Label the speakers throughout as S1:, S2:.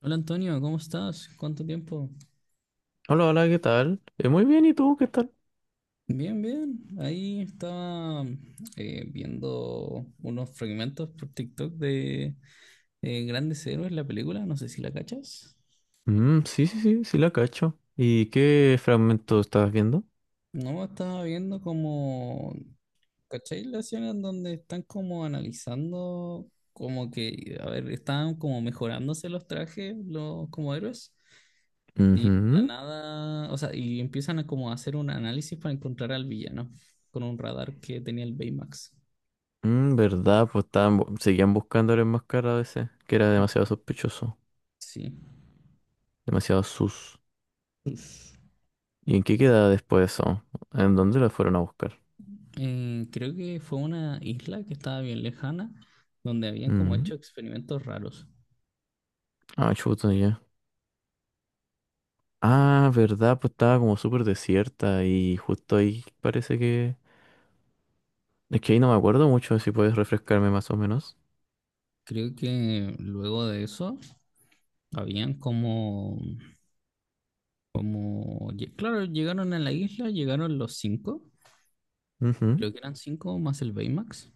S1: Hola Antonio, ¿cómo estás? ¿Cuánto tiempo?
S2: Hola, hola, ¿qué tal? Muy bien, ¿y tú qué tal?
S1: Bien, bien. Ahí estaba viendo unos fragmentos por TikTok de Grandes Héroes, la película, no sé si la cachas.
S2: Mm, sí, sí, sí, sí la cacho. ¿Y qué fragmento estabas viendo?
S1: No, estaba viendo como, ¿cachai? La escena en donde están como analizando, como que, a ver, estaban como mejorándose los trajes, los como héroes, y de la
S2: Ujú.
S1: nada, o sea, y empiezan a como hacer un análisis para encontrar al villano con un radar que tenía el Baymax.
S2: Mm, verdad, pues estaban, seguían buscando el enmascarado ese, que era demasiado
S1: Ujú.
S2: sospechoso,
S1: Sí.
S2: demasiado sus. ¿Y en qué quedaba después de eso? ¿En dónde lo fueron a buscar?
S1: Creo que fue una isla que estaba bien lejana, donde habían como
S2: Mm.
S1: hecho experimentos raros.
S2: Ah, chuta, ya. Ah, verdad, pues estaba como súper desierta y justo ahí parece que... Es que ahí no me acuerdo mucho, si puedes refrescarme más o menos.
S1: Creo que luego de eso, habían como, como, claro, llegaron a la isla, llegaron los cinco,
S2: Ujú.
S1: creo que eran cinco más el Baymax.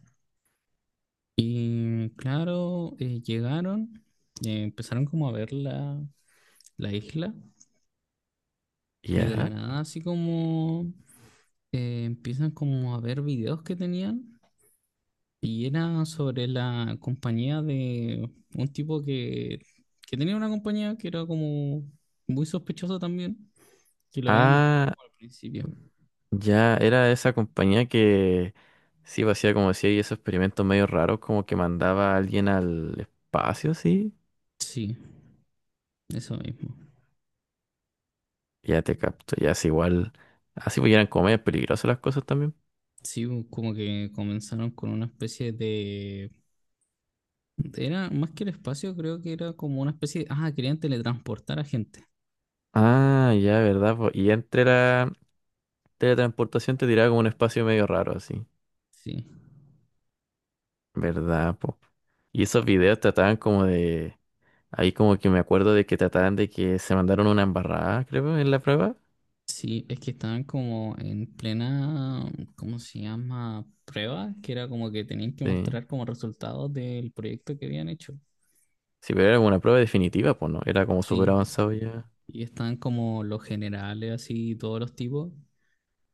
S1: Y claro, llegaron, empezaron como a ver la, la isla y de la
S2: Ya.
S1: nada así como empiezan como a ver videos que tenían. Y era sobre la compañía de un tipo que tenía una compañía que era como muy sospechosa también, que lo habíamos mostrado
S2: Ah.
S1: como al principio.
S2: Ya era esa compañía que sí pues, hacía como decía y esos experimentos medio raros, como que mandaba a alguien al espacio, sí.
S1: Sí, eso mismo.
S2: Ya te capto, ya es igual. Así pues eran como medio peligrosas las cosas también.
S1: Sí, como que comenzaron con una especie de... Era más que el espacio, creo que era como una especie de... Ah, querían teletransportar a gente.
S2: Ah, ya, verdad, po. Y entre la teletransportación te tiraba como un espacio medio raro, así.
S1: Sí,
S2: ¿Verdad, po? Y esos videos trataban como de. Ahí como que me acuerdo de que trataban de que se mandaron una embarrada, creo, en la prueba.
S1: sí, es que estaban como en plena, ¿cómo se llama? Prueba, que era como que tenían que
S2: Sí.
S1: mostrar como resultados del proyecto que habían hecho.
S2: Sí, pero era como una prueba definitiva, pues no. Era como súper
S1: Sí,
S2: avanzado ya.
S1: y están como los generales, así, todos los tipos,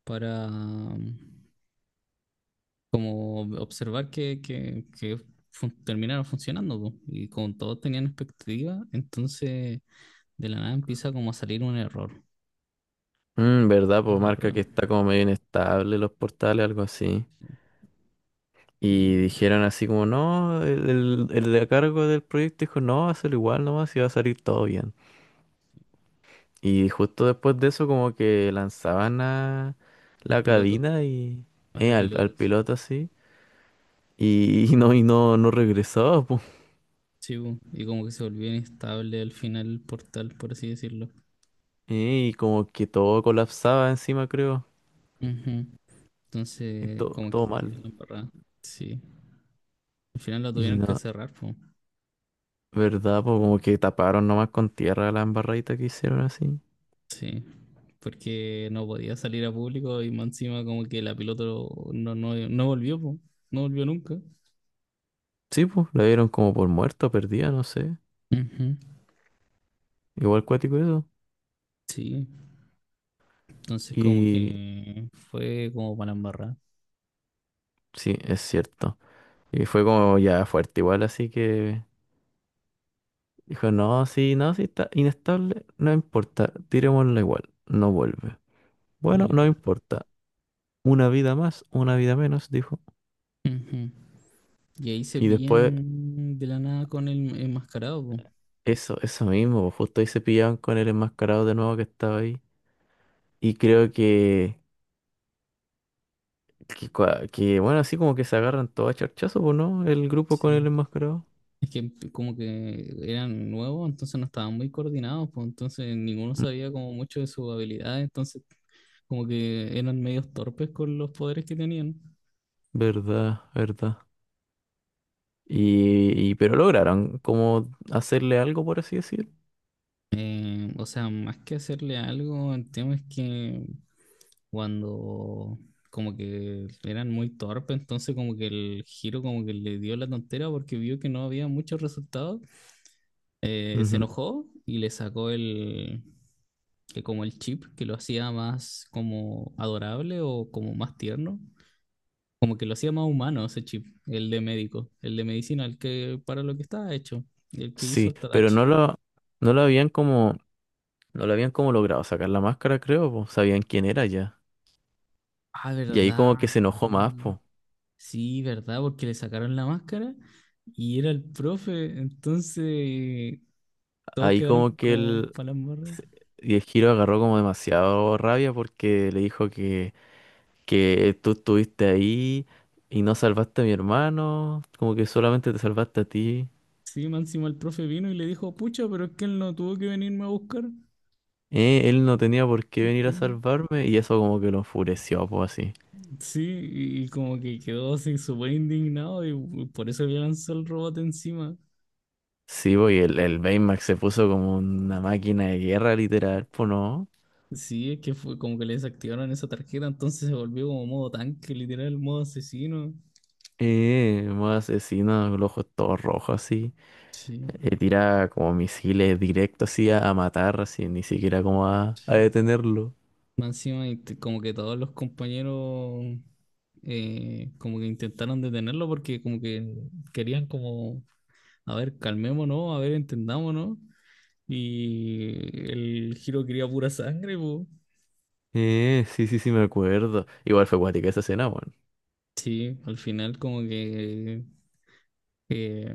S1: para como observar que terminaron funcionando, po. Y como todos tenían expectativa, entonces de la nada empieza como a salir un error
S2: Mm, ¿verdad? Pues
S1: en la
S2: marca
S1: prueba.
S2: que está como medio inestable los portales, algo así. Y
S1: Y
S2: dijeron así como, no, el de a cargo del proyecto dijo, no, hazlo igual nomás y va a salir todo bien. Y justo después de eso como que lanzaban a
S1: al
S2: la
S1: piloto,
S2: cabina y
S1: a la
S2: al
S1: piloto. Sí.
S2: piloto así. Y no, no regresaba, pues.
S1: Sí, po, y como que se volvió inestable al final el portal, por así decirlo.
S2: Y como que todo colapsaba encima, creo.
S1: Ujú.
S2: Y
S1: Entonces,
S2: todo,
S1: como que
S2: todo
S1: quedó
S2: mal.
S1: la embarrada. Sí, al final lo
S2: Y
S1: tuvieron que
S2: no,
S1: cerrar, po.
S2: ¿verdad? Pues como que taparon nomás con tierra la embarradita que hicieron así.
S1: Sí, porque no podía salir a público y más encima como que la piloto no volvió, po. No volvió nunca.
S2: Sí, pues, la dieron como por muerta, perdida, no sé.
S1: Ujú.
S2: Igual cuático eso.
S1: Sí, entonces como
S2: Y
S1: que fue como para embarrar,
S2: sí, es cierto. Y fue como ya fuerte igual, así que dijo, no, sí, no, sí está inestable, no importa, tirémosla igual, no vuelve. Bueno, no
S1: literal.
S2: importa. Una vida más, una vida menos, dijo.
S1: Ujú. Y ahí se
S2: Y después,
S1: pillan de la nada con el enmascarado, po.
S2: eso mismo, pues, justo ahí se pillaban con el enmascarado de nuevo que estaba ahí. Y creo que, que bueno, así como que se agarran todo a charchazo, pues, ¿no? El grupo con
S1: Sí.
S2: el enmascarado.
S1: Es que como que eran nuevos, entonces no estaban muy coordinados, pues entonces ninguno sabía como mucho de sus habilidades, entonces como que eran medios torpes con los poderes que tenían.
S2: Verdad, verdad. Y- pero lograron como hacerle algo, por así decir.
S1: O sea, más que hacerle algo, el tema es que cuando como que eran muy torpes, entonces como que el giro como que le dio la tontera porque vio que no había muchos resultados, se
S2: Ujú.
S1: enojó y le sacó el, que como el chip que lo hacía más como adorable o como más tierno, como que lo hacía más humano ese chip, el de médico, el de medicina, el que para lo que estaba hecho, el que hizo
S2: Sí,
S1: el
S2: pero
S1: Tadachi.
S2: no lo habían como, no lo habían como logrado sacar la máscara, creo, po. Sabían quién era ya.
S1: Ah,
S2: Y ahí
S1: ¿verdad?
S2: como que se enojó más, pues.
S1: Sí, ¿verdad? Porque le sacaron la máscara y era el profe. Entonces, todos
S2: Ahí
S1: quedaron
S2: como que
S1: como
S2: el,
S1: para las morras.
S2: se- y el Giro agarró como demasiado rabia porque le dijo que tú estuviste ahí y no salvaste a mi hermano, como que solamente te salvaste a ti.
S1: Sí, más encima el profe vino y le dijo, pucha, pero es que él no tuvo que venirme a buscar.
S2: Él no tenía por qué venir a
S1: Que-
S2: salvarme y eso como que lo enfureció, pues así.
S1: Sí, y como que quedó así súper indignado y por eso le lanzó el robot encima.
S2: Sí, pues y el Baymax se puso como una máquina de guerra, literal, pues no.
S1: Sí, es que fue como que le desactivaron esa tarjeta, entonces se volvió como modo tanque, literal, modo asesino.
S2: Más asesino, los ojos todos rojos así.
S1: Sí,
S2: Tira como misiles directo así a matar, así, ni siquiera como a
S1: sí.
S2: detenerlo.
S1: Más encima, y como que todos los compañeros como que intentaron detenerlo porque como que querían como, a ver, calmémonos, a ver, entendámonos. Y el giro quería pura sangre, po.
S2: Sí, sí, sí, me acuerdo. Igual fue cuática esa escena, bueno.
S1: Sí, al final como que eh,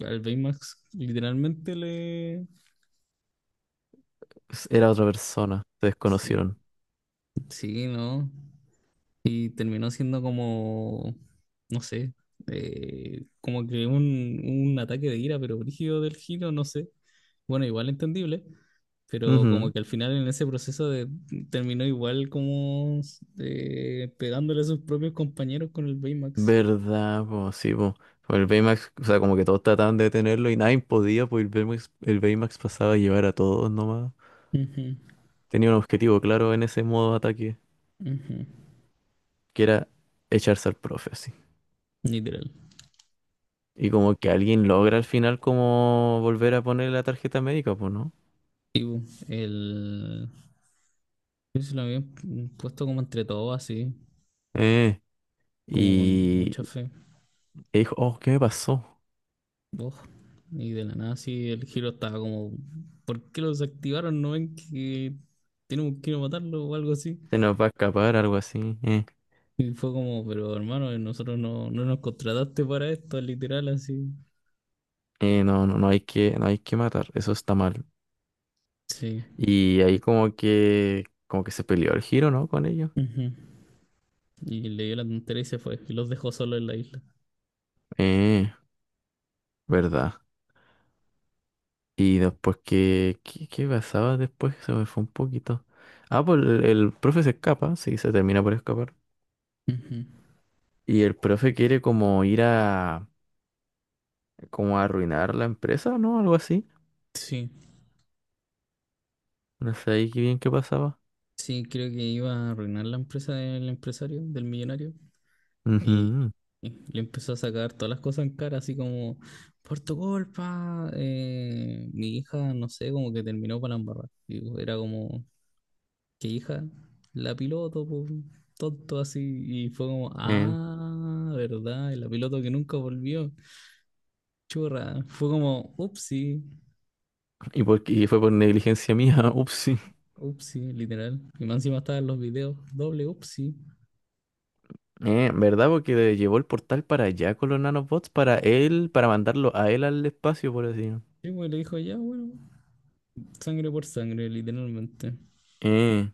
S1: al Baymax literalmente le...
S2: Era otra persona, se
S1: Sí,
S2: desconocieron.
S1: sí, ¿no? Y terminó siendo como, no sé, como que un ataque de ira, pero brígido del giro, no sé. Bueno, igual entendible, pero
S2: Ujú.
S1: como que al final en ese proceso de, terminó igual como pegándole a sus propios compañeros con el Baymax.
S2: ¿Verdad? Pues sí, pues. El Baymax, o sea, como que todos trataban de detenerlo y nadie podía, pues el Baymax pasaba a llevar a todos nomás.
S1: Ujú,
S2: Tenía un objetivo claro en ese modo de ataque,
S1: ujú.
S2: que era echarse al profe, así.
S1: Literal.
S2: Y como que alguien logra al final como volver a poner la tarjeta médica, pues, ¿no?
S1: El, yo se lo había puesto como entre todos así,
S2: Eh,
S1: como con
S2: y
S1: mucha fe.
S2: y dijo, oh, ¿qué me pasó?
S1: Oh, y de la nada sí el giro estaba como, ¿por qué lo desactivaron? ¿No ven que tenemos que ir a matarlo o algo así?
S2: Se nos va a escapar, algo así.
S1: Y fue como, pero hermano, nosotros no, no nos contrataste para esto, literal, así.
S2: No, no no hay que matar, eso está mal.
S1: Sí.
S2: Y ahí como que se peleó el giro, ¿no? Con ellos.
S1: Ujú. Y le dio la tontería y se fue. Y los dejó solo en la isla.
S2: Eh. ¿Verdad? Y después, ¿qué, qué, qué pasaba después? Se me fue un poquito. Ah, pues el profe se escapa, sí, se termina por escapar.
S1: Ujú.
S2: Y el profe quiere como ir a, como a arruinar la empresa, ¿no? Algo así.
S1: Sí.
S2: No sé ahí qué bien qué pasaba.
S1: Sí, creo que iba a arruinar la empresa del empresario, del millonario. Y,
S2: Ujú.
S1: y le empezó a sacar todas las cosas en cara, así como, por tu culpa, mi hija, no sé, como que terminó para la embarrada. Y era como, ¿qué hija? La piloto, po, tonto así. Y fue como,
S2: Eh,
S1: ah, ¿verdad? Y la piloto que nunca volvió. Churra. Fue como, upsi,
S2: y, por, y fue por negligencia mía, upsí.
S1: upsi, literal. Y más encima estaban los videos, doble upsi.
S2: ¿Verdad? Porque le llevó el portal para allá con los nanobots, para él, para mandarlo a él al espacio, por así. Decirlo.
S1: Sí, pues le dijo, ya, bueno, sangre por sangre, literalmente.
S2: Eh,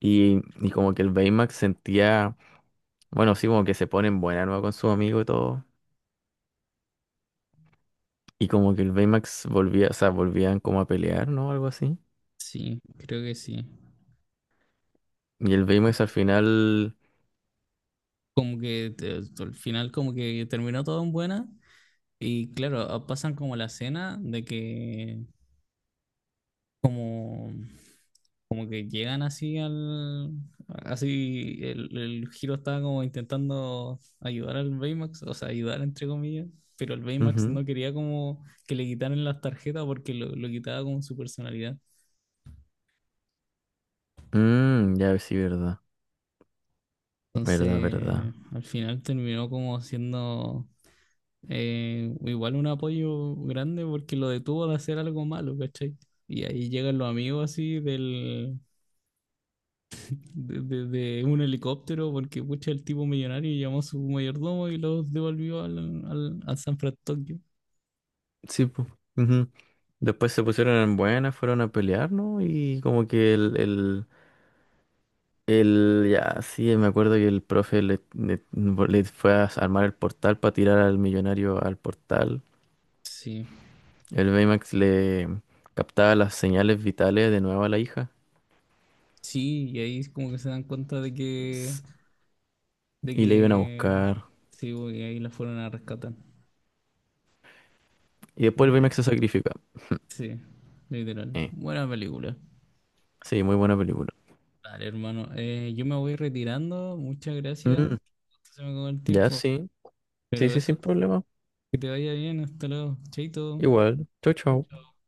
S2: y, y como que el Baymax sentía. Bueno, sí, como que se ponen buena nueva con su amigo y todo. Y como que el Baymax volvía, o sea, volvían como a pelear, ¿no? Algo así.
S1: Sí, creo que sí.
S2: Y el Baymax al final.
S1: Como que al final como que terminó todo en buena y claro, ah, pasan como la escena de que como como que llegan así al así el Hiro estaba como intentando ayudar al Baymax, o sea, ayudar entre comillas, pero el Baymax
S2: Ujú,
S1: no quería como que le quitaran las tarjetas porque lo quitaba con su personalidad.
S2: mm, ya sí, verdad. Verdad, verdad.
S1: Entonces, al final terminó como siendo igual un apoyo grande porque lo detuvo de hacer algo malo, ¿cachai? Y ahí llegan los amigos así del, de, de un helicóptero porque pucha el tipo millonario llamó a su mayordomo y los devolvió al, al, a San Francisco.
S2: Sí, pues. Después se pusieron en buena, fueron a pelear, ¿no? Y como que el- ya, sí, me acuerdo que el profe le, le- le fue a armar el portal para tirar al millonario al portal.
S1: Sí,
S2: El Baymax le captaba las señales vitales de nuevo a la hija.
S1: sí, y ahí es como que se dan cuenta de
S2: Y le iban a
S1: que,
S2: buscar.
S1: sí, bo, y ahí la fueron a rescatar.
S2: Y después el
S1: Ya,
S2: Baymax se sacrifica.
S1: sí, literal.
S2: Eh,
S1: Buena película.
S2: sí, muy buena película.
S1: Dale, hermano. Yo me voy retirando. Muchas gracias.
S2: Mm,
S1: Se me acabó el
S2: ya,
S1: tiempo.
S2: sí. Sí,
S1: Pero
S2: sí, sin
S1: eso,
S2: problema.
S1: que te vaya bien. Hasta luego. Chaito.
S2: Igual. Chau,
S1: Chao,
S2: chau.
S1: chao.